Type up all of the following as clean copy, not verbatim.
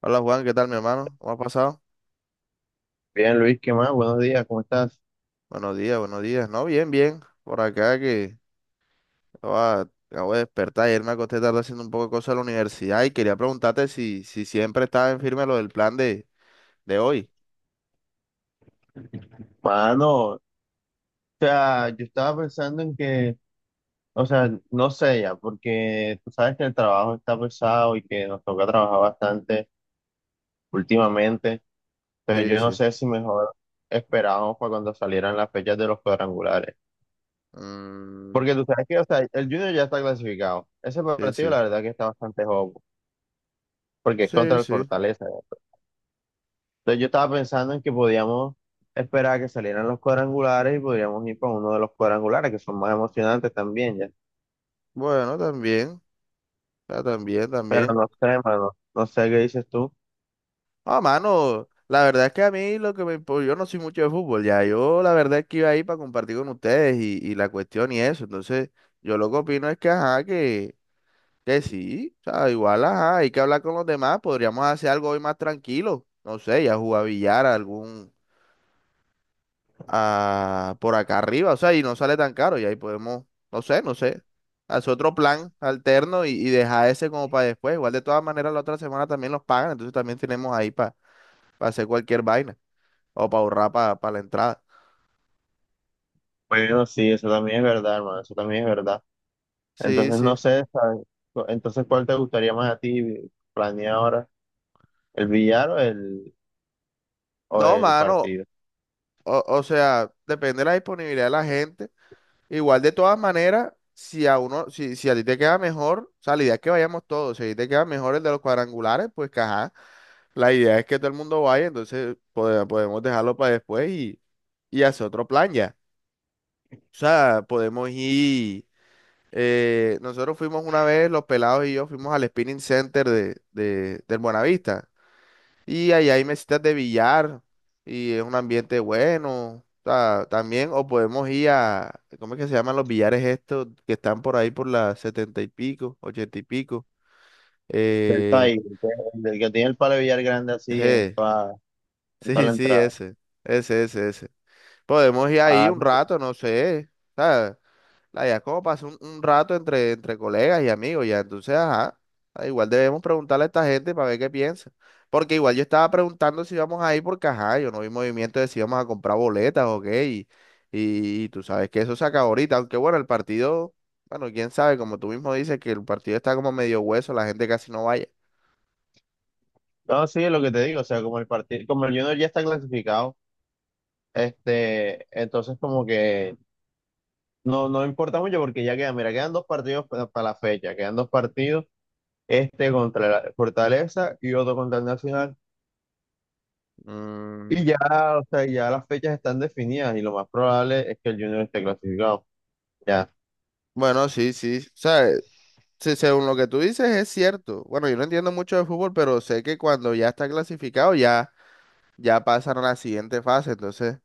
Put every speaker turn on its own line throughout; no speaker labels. Hola Juan, ¿qué tal mi hermano? ¿Cómo ha pasado?
Bien, Luis, ¿qué más? Buenos días, ¿cómo estás?
Buenos días, buenos días. No, bien, bien. Por acá que acabo de despertar. Ayer me acosté tarde haciendo un poco de cosas en la universidad y quería preguntarte si siempre estaba en firme lo del plan de hoy.
Mano, o sea, yo estaba pensando en que, o sea, no sé ya, porque tú sabes que el trabajo está pesado y que nos toca trabajar bastante últimamente, pero
Sí,
yo no
sí.
sé si mejor esperábamos para cuando salieran las fechas de los cuadrangulares,
Mm,
porque tú sabes que, o sea, el Junior ya está clasificado, ese
sí,
partido
sí.
la verdad que está bastante joven, porque es
Sí,
contra el
sí.
Fortaleza. Entonces yo estaba pensando en que podíamos esperar a que salieran los cuadrangulares y podríamos ir para uno de los cuadrangulares, que son más emocionantes también, ya.
Bueno, también. Ah, también,
Pero
también.
no sé, hermano, no sé qué dices tú.
Ah, mano, la verdad es que a mí lo que me... yo no soy mucho de fútbol, ya. Yo la verdad es que iba ahí para compartir con ustedes y la cuestión y eso. Entonces, yo lo que opino es que, ajá, que... Que sí, o sea, igual, ajá, hay que hablar con los demás, podríamos hacer algo hoy más tranquilo, no sé, ya jugar billar algún, ah por acá arriba, o sea, y no sale tan caro, y ahí podemos, no sé, hacer otro plan alterno y dejar ese como para después, igual de todas maneras la otra semana también los pagan, entonces también tenemos ahí para hacer cualquier vaina, o para ahorrar para la entrada.
Bueno, sí, eso también es verdad, hermano, eso también es verdad.
Sí,
Entonces no
sí.
sé, ¿sabes? Entonces, ¿cuál te gustaría más a ti planear ahora? ¿El billar o o
No,
el
mano,
partido?
o sea, depende de la disponibilidad de la gente. Igual de todas maneras, si a uno, si a ti te queda mejor, o sea, la idea es que vayamos todos, si a ti te queda mejor el de los cuadrangulares, pues que ajá, la idea es que todo el mundo vaya, entonces podemos dejarlo para después y hacer otro plan ya. O sea, podemos ir, nosotros fuimos una vez, los pelados y yo fuimos al Spinning Center del Buenavista. Y ahí hay mesitas de billar y es un ambiente bueno. O sea, también, o podemos ir a, ¿cómo es que se llaman los billares estos que están por ahí por las setenta y pico, ochenta y pico?
Del
Eh,
país, el del que tiene el palo de billar grande así
je,
en toda,
sí,
la
sí,
entrada.
ese, ese. Podemos ir ahí
Ah,
un rato, no sé. ¿Sabes? La idea es como pasar un rato entre colegas y amigos, ya. Entonces, ajá. Igual debemos preguntarle a esta gente para ver qué piensa. Porque igual yo estaba preguntando si íbamos a ir porque, ajá, yo no vi movimiento de si íbamos a comprar boletas o qué. Y tú sabes que eso se acaba ahorita. Aunque bueno, el partido, bueno, quién sabe, como tú mismo dices, que el partido está como medio hueso, la gente casi no vaya.
no, sí, lo que te digo, o sea, como el partido, como el Junior ya está clasificado. Este, entonces como que no importa mucho porque ya quedan, mira, quedan dos partidos para, la fecha, quedan dos partidos, este contra la Fortaleza y otro contra el Nacional.
Mm,
Y ya, o sea, ya las fechas están definidas y lo más probable es que el Junior esté clasificado. Ya,
bueno, sí, sí. O sea, sí, según lo que tú dices es cierto. Bueno, yo no entiendo mucho de fútbol, pero sé que cuando ya está clasificado ya, ya pasan a la siguiente fase, entonces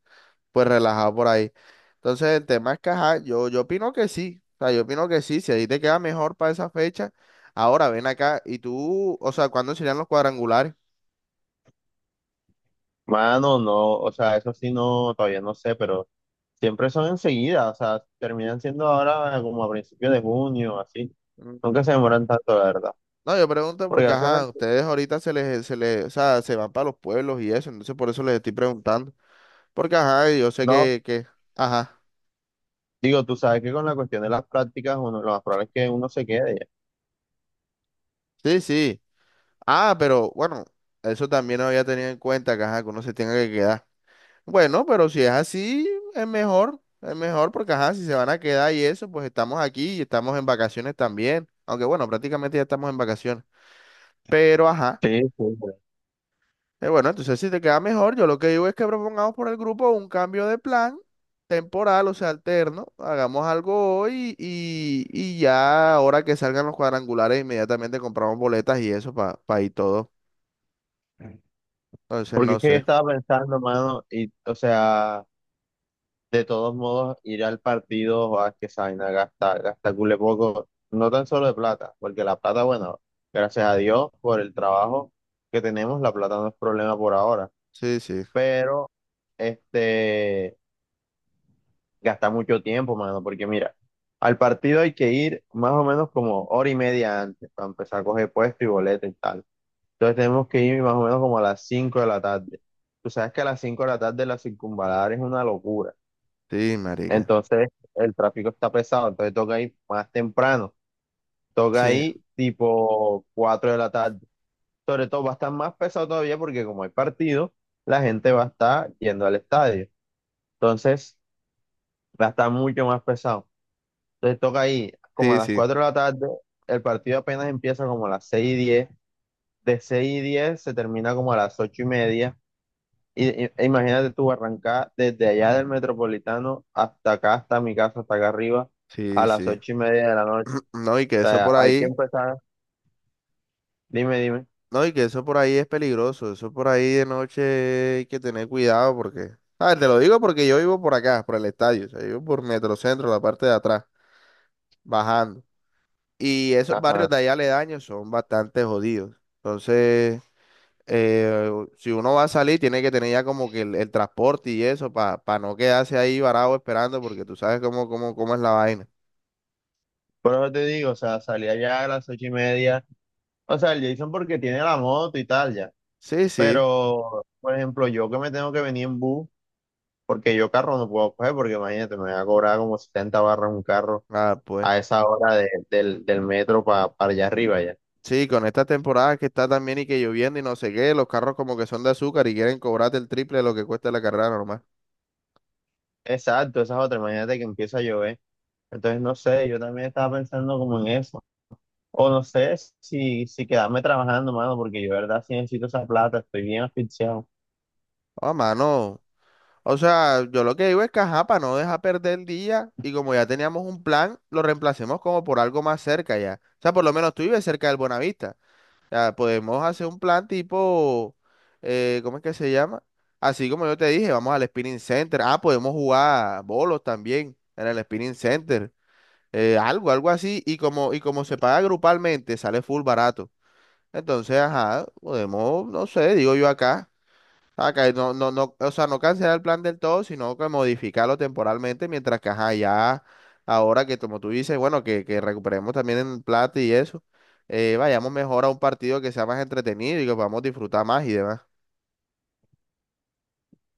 pues relajado por ahí. Entonces el tema es que, ajá, yo opino que sí, o sea, yo opino que sí, si ahí te queda mejor para esa fecha, ahora ven acá y tú, o sea, ¿cuándo serían los cuadrangulares?
mano, no, o sea, eso sí no, todavía no sé, pero siempre son enseguida, o sea, terminan siendo ahora como a principios de junio, así. Nunca
Mm,
se demoran tanto, la verdad.
no, yo pregunto
Porque
porque,
hace,
ajá, ustedes ahorita se les, o sea, se van para los pueblos y eso, entonces por eso les estoy preguntando, porque, ajá, yo sé
no,
que, ajá,
digo, tú sabes que con la cuestión de las prácticas, uno, lo más probable es que uno se quede ya.
sí, sí. Ah, pero bueno, eso también no había tenido en cuenta, que, ajá, que uno se tenga que quedar. Bueno, pero si es así, es mejor porque, ajá, si se van a quedar y eso, pues estamos aquí y estamos en vacaciones también. Aunque bueno, prácticamente ya estamos en vacaciones. Pero, ajá,
Sí, sí, sí.
bueno, entonces si te queda mejor, yo lo que digo es que propongamos por el grupo un cambio de plan temporal, o sea, alterno. Hagamos algo hoy y ya ahora que salgan los cuadrangulares, inmediatamente compramos boletas y eso para ir todo. Entonces,
Porque
no
es que yo
sé.
estaba pensando, mano, y, o sea, de todos modos, ir al partido, o a que esa vaina gasta cule poco, no tan solo de plata, porque la plata, bueno, gracias a Dios por el trabajo que tenemos, la plata no es problema por ahora,
Sí, sí.
pero, este, gasta mucho tiempo, mano, porque mira, al partido hay que ir más o menos como hora y media antes, para empezar a coger puesto y boleta y tal. Entonces tenemos que ir más o menos como a las 5 de la tarde. Tú sabes que a las 5 de la tarde la circunvalar es una locura.
Sí, marica.
Entonces el tráfico está pesado, entonces toca ir más temprano. Toca
Sí,
ir tipo 4 de la tarde. Sobre todo va a estar más pesado todavía porque como hay partido, la gente va a estar yendo al estadio. Entonces va a estar mucho más pesado. Entonces toca ir como a
sí,
las
sí,
4 de la tarde. El partido apenas empieza como a las 6:10. De 6:10 se termina como a las 8:30. E imagínate tú arrancar desde allá del Metropolitano hasta acá, hasta mi casa, hasta acá arriba, a
sí,
las
sí.
8:30 de la noche.
No, y que
O
eso
sea,
por
hay que
ahí,
empezar. Dime, dime.
no, y que eso por ahí es peligroso. Eso por ahí de noche hay que tener cuidado porque, ah, te lo digo porque yo vivo por acá, por el estadio, o sea, yo vivo por Metrocentro, la parte de atrás, bajando. Y esos barrios
Ajá.
de allá aledaños son bastante jodidos. Entonces, eh, si uno va a salir, tiene que tener ya como que el transporte y eso para no quedarse ahí varado esperando porque tú sabes cómo es la vaina.
Por eso te digo, o sea, salí allá a las 8:30. O sea, el Jason porque tiene la moto y tal, ya.
Sí, sí.
Pero, por ejemplo, yo que me tengo que venir en bus, porque yo carro no puedo coger, porque imagínate, me va a cobrar como 70 barras un carro
Ah, pues.
a esa hora del metro para allá arriba, ya.
Sí, con estas temporadas que está también y que lloviendo y no sé qué, los carros como que son de azúcar y quieren cobrarte el triple de lo que cuesta la carrera normal.
Exacto, esa es otra. Imagínate que empieza a llover. Entonces, no sé, yo también estaba pensando como en eso. O no sé si quedarme trabajando, mano, porque yo, de verdad, sí necesito esa plata, estoy bien asfixiado.
Ah, mano. O sea, yo lo que digo es que ajá, para no dejar perder el día y como ya teníamos un plan, lo reemplacemos como por algo más cerca ya. O sea, por lo menos tú vives cerca del Bonavista. O sea, podemos hacer un plan tipo, ¿cómo es que se llama? Así como yo te dije, vamos al Spinning Center. Ah, podemos jugar bolos también en el Spinning Center. Algo, algo así, y como se paga grupalmente, sale full barato. Entonces, ajá, podemos, no sé, digo yo acá, acá no, o sea, no cancelar el plan del todo, sino que modificarlo temporalmente, mientras que ajá, ya, ahora que como tú dices, bueno, que recuperemos también en plata y eso, vayamos mejor a un partido que sea más entretenido y que podamos disfrutar más y demás.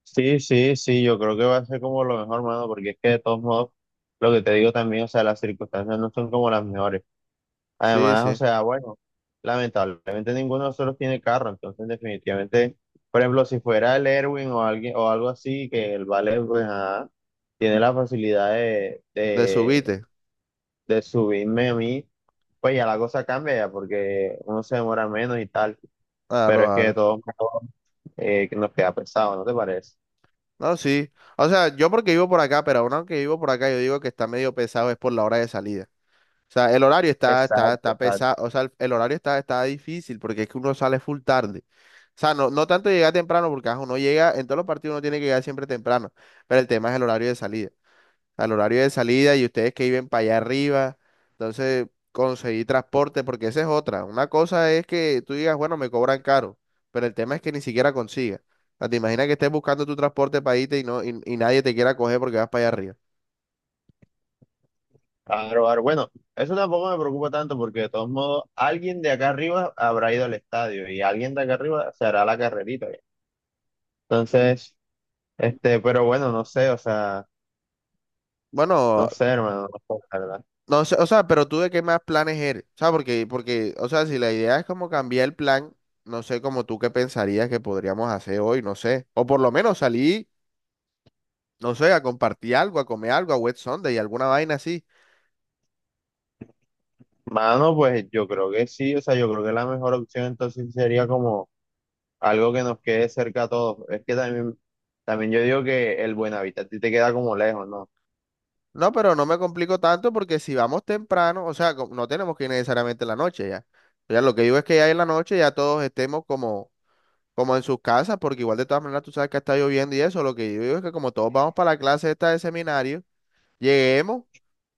Sí, sí, sí, yo creo que va a ser como lo mejor, mano, porque es que de todos modos, lo que te digo también, o sea, las circunstancias no son como las mejores.
Sí,
Además, o
sí,
sea, bueno, lamentablemente ninguno de nosotros tiene carro, entonces definitivamente, por ejemplo, si fuera el Erwin o alguien o algo así, que el Vale, pues, ajá, tiene la facilidad de,
de subite.
de subirme a mí, pues ya la cosa cambia ya porque uno se demora menos y tal,
Claro,
pero es que de
claro.
todos modos que nos queda pesado, ¿no te parece?
No, sí. O sea, yo porque vivo por acá, pero aún aunque vivo por acá, yo digo que está medio pesado es por la hora de salida. O sea, el horario está, está,
Exacto,
está
exacto.
pesado, o sea, el horario está difícil porque es que uno sale full tarde. O sea, no tanto llegar temprano porque ajá, uno llega, en todos los partidos uno tiene que llegar siempre temprano, pero el tema es el horario de salida. O sea, el horario de salida y ustedes que viven para allá arriba, entonces conseguir transporte porque esa es otra. Una cosa es que tú digas, bueno, me cobran caro, pero el tema es que ni siquiera consigas. O sea, te imaginas que estés buscando tu transporte para irte y nadie te quiera coger porque vas para allá arriba.
Claro, claro. Bueno, eso tampoco me preocupa tanto porque de todos modos alguien de acá arriba habrá ido al estadio y alguien de acá arriba se hará la carrerita. Ya. Entonces, este, pero bueno, no sé, o sea,
Bueno,
no sé, hermano, no sé, la verdad.
no, o sea, pero tú de qué más planes eres, o sea, porque, o sea, si la idea es como cambiar el plan, no sé, como tú qué pensarías que podríamos hacer hoy, no sé, o por lo menos salir, no sé, a compartir algo, a comer algo, a Wet Sunday, alguna vaina así.
Mano, pues yo creo que sí, o sea, yo creo que la mejor opción entonces sería como algo que nos quede cerca a todos. Es que también, también yo digo que el Buenavista a ti te queda como lejos, ¿no?
No, pero no me complico tanto porque si vamos temprano, o sea, no tenemos que ir necesariamente en la noche ya. O sea, lo que digo es que ya en la noche ya todos estemos como, como en sus casas, porque igual de todas maneras tú sabes que está lloviendo y eso, lo que yo digo es que como todos vamos para la clase esta de seminario, lleguemos.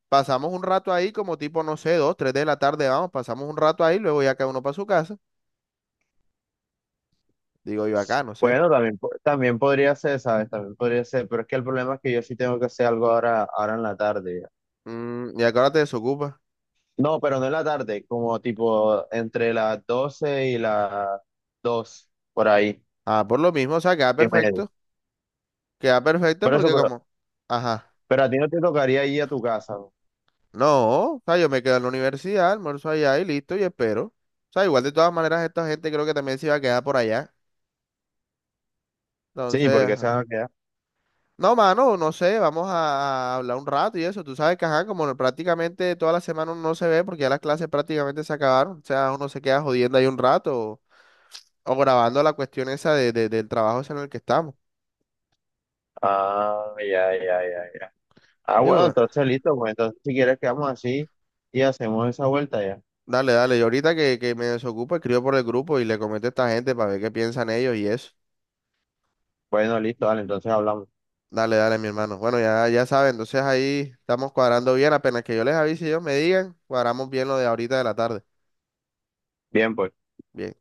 Pasamos un rato ahí como tipo, no sé, dos, tres de la tarde, vamos, pasamos un rato ahí, luego ya cada uno para su casa. Digo yo acá, no sé.
Bueno, también, también podría ser, ¿sabes? También podría ser, pero es que el problema es que yo sí tengo que hacer algo ahora, ahora en la tarde. Ya.
Mm, ¿y a qué hora te desocupas?
No, pero no en la tarde, como tipo entre las 12 y las 2 por ahí,
Ah, por lo mismo, o sea, queda
y medio.
perfecto. Queda perfecto
Por eso,
porque
pero,
como, ajá,
a ti no te tocaría ir a tu casa, ¿no?
no, o sea, yo me quedo en la universidad, almuerzo allá y listo, y espero. O sea, igual de todas maneras esta gente creo que también se iba a quedar por allá.
Sí,
Entonces,
porque se
ajá.
van a quedar.
No, mano, no sé, vamos a hablar un rato y eso. Tú sabes que, ajá, como prácticamente toda la semana uno no se ve porque ya las clases prácticamente se acabaron. O sea, uno se queda jodiendo ahí un rato o grabando la cuestión esa de, del trabajo ese en el que estamos.
Ah, ya, ya, ya, ya. Ah,
Y
bueno,
bueno,
entonces listo, pues entonces si quieres quedamos así y hacemos esa vuelta ya.
dale, dale. Y ahorita que me desocupo, escribo por el grupo y le comento a esta gente para ver qué piensan ellos y eso.
Bueno, listo, dale, entonces hablamos.
Dale, dale, mi hermano. Bueno, ya, ya saben, entonces ahí estamos cuadrando bien. Apenas que yo les avise y ellos me digan, cuadramos bien lo de ahorita de la tarde.
Bien, pues.
Bien.